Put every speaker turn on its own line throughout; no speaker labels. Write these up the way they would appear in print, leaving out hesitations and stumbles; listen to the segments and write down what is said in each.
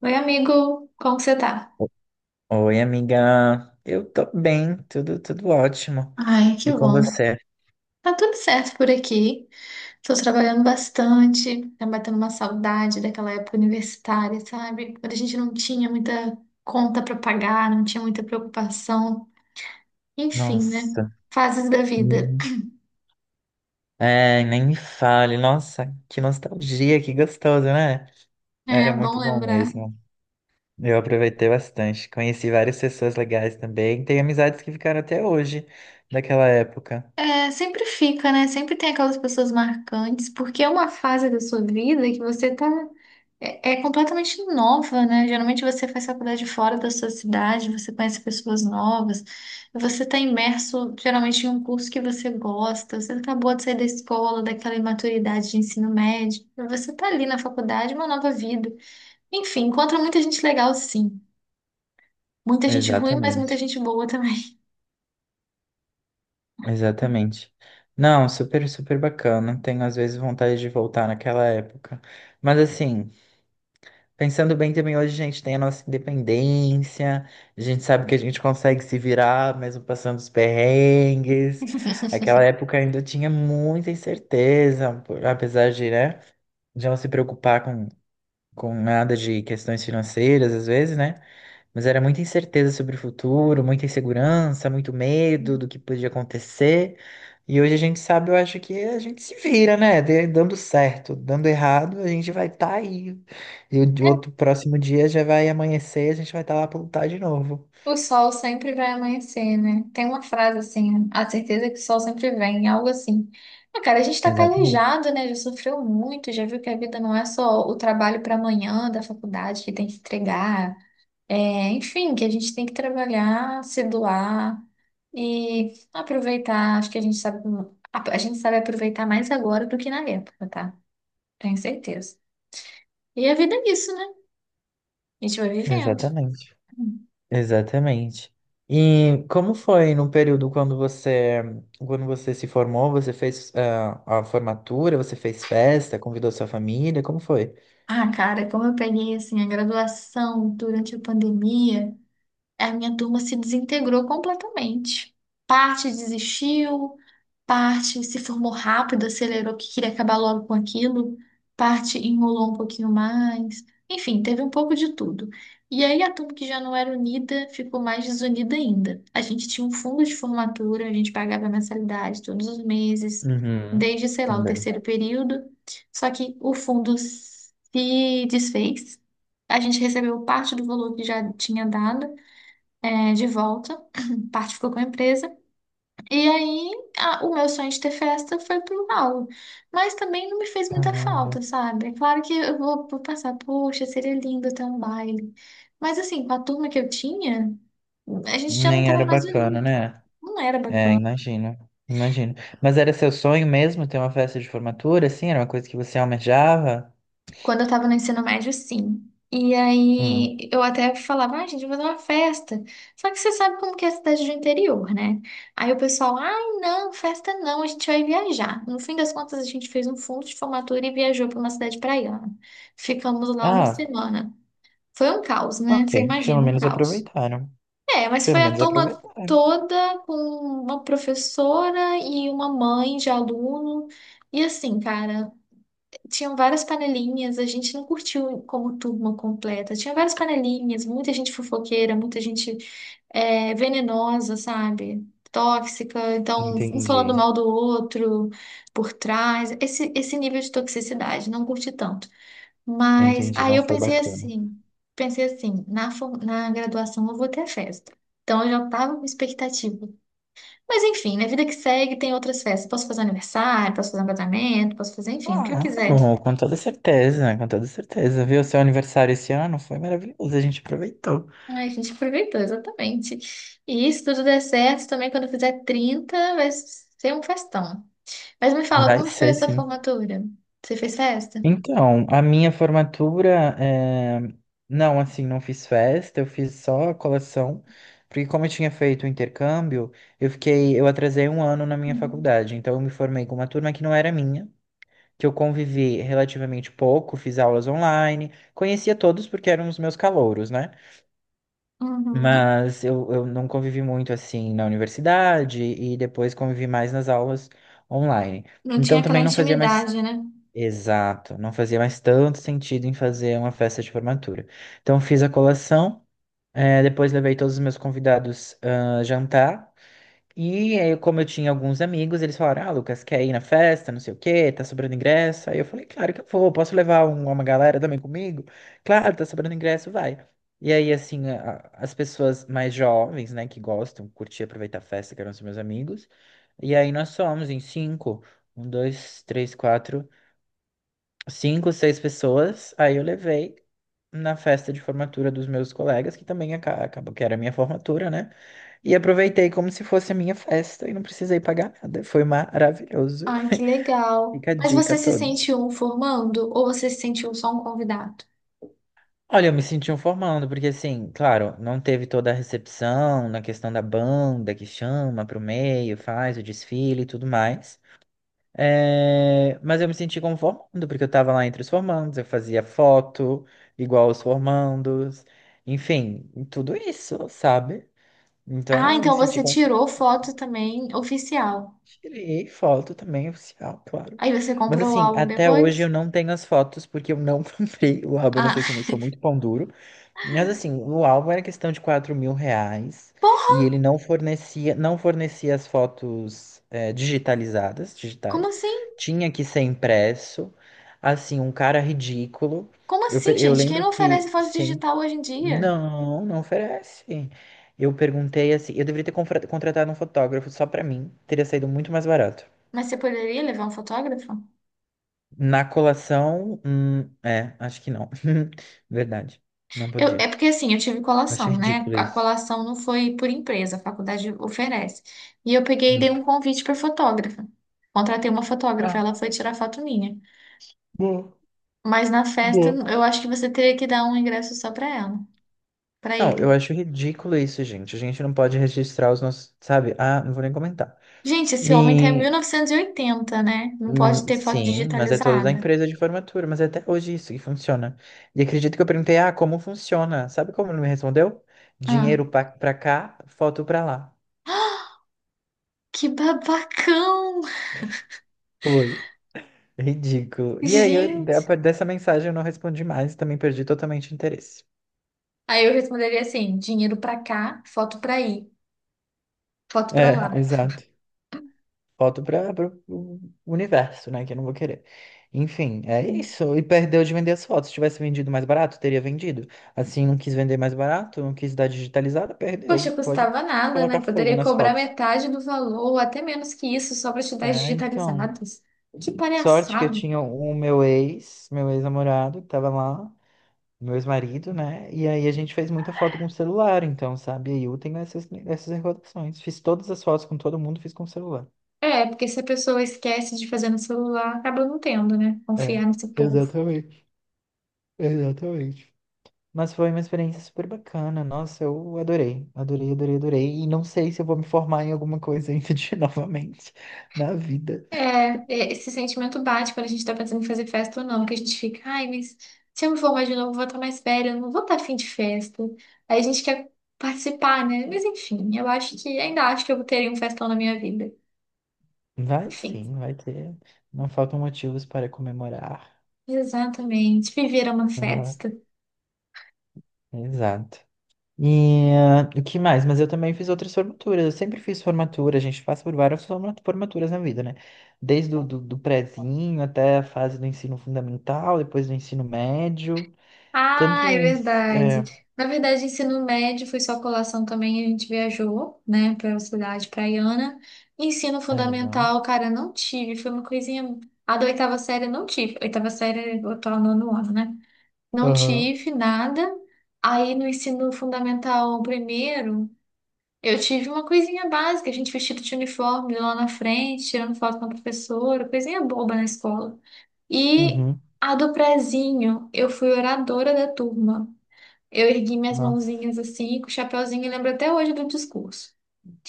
Oi, amigo, como você tá?
Oi, amiga. Eu tô bem, tudo ótimo.
Ai, que
E com
bom.
você?
Tá tudo certo por aqui. Tô trabalhando bastante, tá batendo uma saudade daquela época universitária, sabe? Quando a gente não tinha muita conta pra pagar, não tinha muita preocupação. Enfim, né?
Nossa,
Fases da vida.
nem, é, nem me fale. Nossa, que nostalgia, que gostoso, né? Era
É bom
muito bom
lembrar.
mesmo. Eu aproveitei bastante. Conheci várias pessoas legais também. Tenho amizades que ficaram até hoje, daquela época.
É, sempre fica, né? Sempre tem aquelas pessoas marcantes, porque é uma fase da sua vida que você tá. É, é completamente nova, né? Geralmente você faz faculdade fora da sua cidade, você conhece pessoas novas, você tá imerso geralmente em um curso que você gosta, você acabou de sair da escola, daquela imaturidade de ensino médio, você tá ali na faculdade, uma nova vida. Enfim, encontra muita gente legal, sim. Muita gente ruim, mas muita
Exatamente,
gente boa também.
exatamente. Não, super, super bacana. Tenho às vezes vontade de voltar naquela época. Mas assim. Pensando bem também, hoje a gente tem a nossa independência, a gente sabe que a gente consegue se virar, mesmo passando os perrengues. Aquela época ainda tinha muita incerteza, apesar de, né, de não se preocupar com nada de questões financeiras, às vezes, né? Mas era muita incerteza sobre o futuro, muita insegurança, muito medo do que podia acontecer. E hoje a gente sabe, eu acho que a gente se vira, né? Dando certo, dando errado, a gente vai estar aí. E o de
É.
outro próximo dia já vai amanhecer, e a gente vai estar lá para lutar de novo.
O sol sempre vai amanhecer, né? Tem uma frase assim, a certeza é que o sol sempre vem, algo assim. Ah, cara, a gente tá
Exatamente.
calejado, né? Já sofreu muito, já viu que a vida não é só o trabalho para amanhã da faculdade que tem que entregar. É, enfim, que a gente tem que trabalhar, se doar e aproveitar. Acho que a gente sabe, a gente sabe aproveitar mais agora do que na época, tá? Tenho certeza. E a vida é isso, né? A gente vai vivendo.
Exatamente. Exatamente. E como foi no período quando você se formou, você fez a formatura, você fez festa, convidou sua família, como foi?
Ah, cara, como eu peguei assim a graduação durante a pandemia, a minha turma se desintegrou completamente. Parte desistiu, parte se formou rápido, acelerou que queria acabar logo com aquilo, parte enrolou um pouquinho mais. Enfim, teve um pouco de tudo. E aí a turma que já não era unida ficou mais desunida ainda. A gente tinha um fundo de formatura, a gente pagava mensalidade todos os meses,
Uhum.
desde, sei lá, o
Também.
terceiro período. Só que o fundo se desfez. A gente recebeu parte do valor que já tinha dado de volta, parte ficou com a empresa. E aí o meu sonho de ter festa foi pro ralo. Mas também não me fez muita
Caramba.
falta, sabe? É claro que eu vou, pensar, poxa, seria lindo ter um baile. Mas assim, com a turma que eu tinha, a gente já não
Nem era
estava mais
bacana,
unido.
né?
Não era
É,
bacana.
imagino. Imagino. Mas era seu sonho mesmo ter uma festa de formatura, assim? Era uma coisa que você almejava?
Quando eu tava no ensino médio, sim. E
Hum.
aí eu até falava, ah, gente, vou fazer uma festa. Só que você sabe como que é a cidade do interior, né? Aí o pessoal, ai, não, festa não, a gente vai viajar. No fim das contas, a gente fez um fundo de formatura e viajou para uma cidade praiana. Ficamos lá uma
Ah,
semana. Foi um caos, né?
ok.
Você
Pelo
imagina, um
menos
caos.
aproveitaram.
É, mas
Pelo
foi a
menos
turma
aproveitaram.
toda com uma professora e uma mãe de aluno. E assim, cara. Tinham várias panelinhas, a gente não curtiu como turma completa. Tinha várias panelinhas, muita gente fofoqueira, muita gente venenosa, sabe? Tóxica, então um falando
Entendi.
mal do outro por trás. Esse nível de toxicidade, não curti tanto. Mas
Entendi.
aí
Não
eu
foi bacana.
pensei assim, na graduação eu vou ter festa. Então eu já tava com expectativa. Mas enfim, na vida que segue tem outras festas. Posso fazer aniversário, posso fazer um casamento, posso fazer, enfim, o que eu quiser.
Claro, com toda certeza, com toda certeza. Viu? Seu aniversário esse ano foi maravilhoso. A gente aproveitou.
Ai, a gente aproveitou, exatamente. E se tudo der certo, também quando eu fizer 30 vai ser um festão. Mas me fala,
Vai
como que foi a
ser,
sua
sim.
formatura? Você fez festa?
Então, a minha formatura, não, assim, não fiz festa, eu fiz só a colação, porque como eu tinha feito o intercâmbio, eu fiquei, eu atrasei um ano na minha
Uhum.
faculdade, então eu me formei com uma turma que não era minha, que eu convivi relativamente pouco, fiz aulas online, conhecia todos porque eram os meus calouros, né?
Uhum.
Mas eu não convivi muito, assim, na universidade e depois convivi mais nas aulas online.
Não tinha
Então
aquela
também não fazia mais.
intimidade, né?
Exato, não fazia mais tanto sentido em fazer uma festa de formatura. Então fiz a colação, depois levei todos os meus convidados jantar. E aí, como eu tinha alguns amigos, eles falaram: Ah, Lucas, quer ir na festa? Não sei o quê, tá sobrando ingresso. Aí eu falei: Claro que eu vou, posso levar uma galera também comigo? Claro, tá sobrando ingresso, vai. E aí, assim, a- as pessoas mais jovens, né, que gostam, curtir, aproveitar a festa, que eram os meus amigos. E aí nós somos em cinco: um, dois, três, quatro cinco, seis pessoas. Aí eu levei na festa de formatura dos meus colegas, que também acabou que era a minha formatura, né? E aproveitei como se fosse a minha festa e não precisei pagar nada. Foi maravilhoso.
Ah, que legal.
Fica a
Mas
dica
você
a
se
todos.
sente um formando ou você se sentiu só um convidado?
Olha, eu me senti um formando, porque assim, claro, não teve toda a recepção na questão da banda que chama pro meio, faz o desfile e tudo mais. É, mas eu me senti como formando, porque eu estava lá entre os formandos, eu fazia foto igual os formandos, enfim, tudo isso, sabe?
Ah,
Então eu me
então
senti
você
conforme.
tirou foto também oficial.
Tirei foto também, oficial, claro.
Aí você
Mas
comprou o
assim,
álbum
até hoje eu
depois?
não tenho as fotos porque eu não comprei o álbum. Eu não
Ah,
sei se eu sou muito pão duro. Mas assim, o álbum era questão de R$ 4.000 e
porra,
ele não fornecia, não fornecia as fotos digitalizadas,
como
digitais.
assim?
Tinha que ser impresso. Assim, um cara ridículo.
Como
Eu, per-
assim,
eu
gente? Quem
lembro
não oferece
que,
foto
sim,
digital hoje em dia?
não, não oferece. Eu perguntei assim, eu deveria ter contratado um fotógrafo só pra mim, teria saído muito mais barato.
Mas você poderia levar um fotógrafo?
Na colação, é, acho que não. Verdade, não podia.
É porque assim, eu tive
Acho
colação, né?
ridículo
A
isso.
colação não foi por empresa, a faculdade oferece. E eu peguei e dei
Hum.
um convite para fotógrafa. Contratei uma fotógrafa,
Ah,
ela foi tirar foto minha.
bom.
Mas na festa,
Boa.
eu acho que você teria que dar um ingresso só para ela, para
Não,
ele.
eu acho ridículo isso, gente. A gente não pode registrar os nossos, sabe? Ah, não vou nem comentar.
Gente, esse homem tá em mil
E
novecentos e oitenta, né? Não pode ter foto
sim, mas é toda da
digitalizada.
empresa de formatura, mas é até hoje isso que funciona. E acredito que eu perguntei, ah, como funciona? Sabe como ele me respondeu?
Ah,
Dinheiro pra cá, foto pra lá.
que babacão!
Foi. Ridículo. E aí,
Gente!
dessa mensagem eu não respondi mais, também perdi totalmente o interesse.
Aí eu responderia assim: dinheiro pra cá, foto pra aí, foto pra
É,
lá.
exato. Volto para o universo, né? Que eu não vou querer. Enfim, é isso. E perdeu de vender as fotos. Se tivesse vendido mais barato, teria vendido. Assim, não quis vender mais barato, não quis dar digitalizada, perdeu.
Poxa,
Pode
custava nada, né?
colocar fogo
Poderia
nas
cobrar
fotos.
metade do valor, ou até menos que isso, só para te dar as
É, então.
digitalizadas. Que
Sorte que eu
palhaçada.
tinha o meu ex, meu ex-namorado, que tava lá, meu ex-marido, né? E aí a gente fez muita foto com o celular, então, sabe? E aí eu tenho essas recordações. Fiz todas as fotos com todo mundo, fiz com o celular.
É, porque se a pessoa esquece de fazer no celular, acaba não tendo, né?
É,
Confiar nesse povo.
exatamente, exatamente. Mas foi uma experiência super bacana. Nossa, eu adorei, adorei, adorei, adorei. E não sei se eu vou me formar em alguma coisa ainda de novamente na vida.
É, esse sentimento bate quando a gente tá pensando em fazer festa ou não, que a gente fica, ai, mas se eu me formar de novo, eu vou estar mais velha, eu não vou estar afim de festa. Aí a gente quer participar, né? Mas enfim, eu acho que, ainda acho que eu teria um festão na minha vida.
Vai
Enfim,
sim, vai ter. Não faltam motivos para comemorar.
exatamente, viver é uma
Aham,
festa.
exato. E o que mais? Mas eu também fiz outras formaturas. Eu sempre fiz formatura. A gente passa por várias formaturas na vida, né? Desde o do prezinho até a fase do ensino fundamental, depois do ensino médio. Tanto
Ah, é
em...
verdade.
É...
Na verdade, ensino médio foi só colação também, a gente viajou, né, para cidade praiana. Ensino
Ah, legal.
fundamental, cara, não tive, foi uma coisinha. A da oitava série eu não tive. Oitava série, é o atual nono ano, né? Não
Aham.
tive nada. Aí no ensino fundamental primeiro, eu tive uma coisinha básica, a gente vestido de uniforme lá na frente, tirando foto com a professora, coisinha boba na escola. E
Uhum.
a do prezinho, eu fui oradora da turma. Eu ergui minhas
Nossa,
mãozinhas assim, com o chapéuzinho, e lembro até hoje do discurso.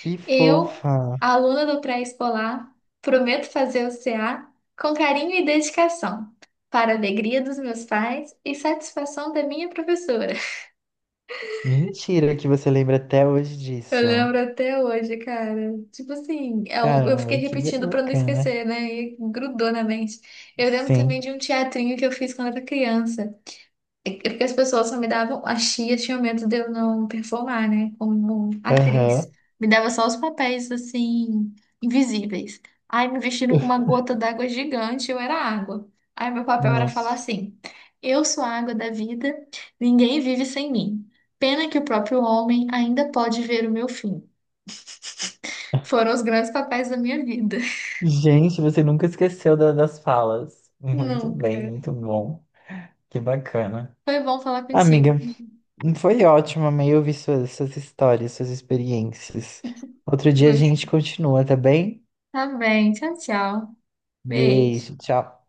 que
Eu,
fofa.
aluna do pré-escolar, prometo fazer o CA com carinho e dedicação, para a alegria dos meus pais e satisfação da minha professora.
Mentira que você lembra até hoje
Eu
disso.
lembro até hoje, cara. Tipo assim, eu fiquei
Caramba, que
repetindo para não
bacana.
esquecer, né? E grudou na mente. Eu lembro também
Sim.
de um teatrinho que eu fiz quando era criança. Porque as pessoas só me davam, as tias tinham medo de eu não performar, né? Como
Aham.
atriz. Me dava só os papéis, assim, invisíveis. Aí me vestindo com uma gota d'água gigante, eu era água. Aí meu papel era falar
Nossa.
assim: Eu sou a água da vida, ninguém vive sem mim. Pena que o próprio homem ainda pode ver o meu fim. Foram os grandes papéis da minha vida.
Gente, você nunca esqueceu das falas. Muito bem,
Nunca.
muito bom. Que bacana.
Foi bom falar contigo,
Amiga,
amigo.
foi ótimo, amei ouvir suas histórias, suas experiências. Outro dia a gente continua, tá bem?
Tá bem, tchau, tchau. Beijo.
Beijo, tchau.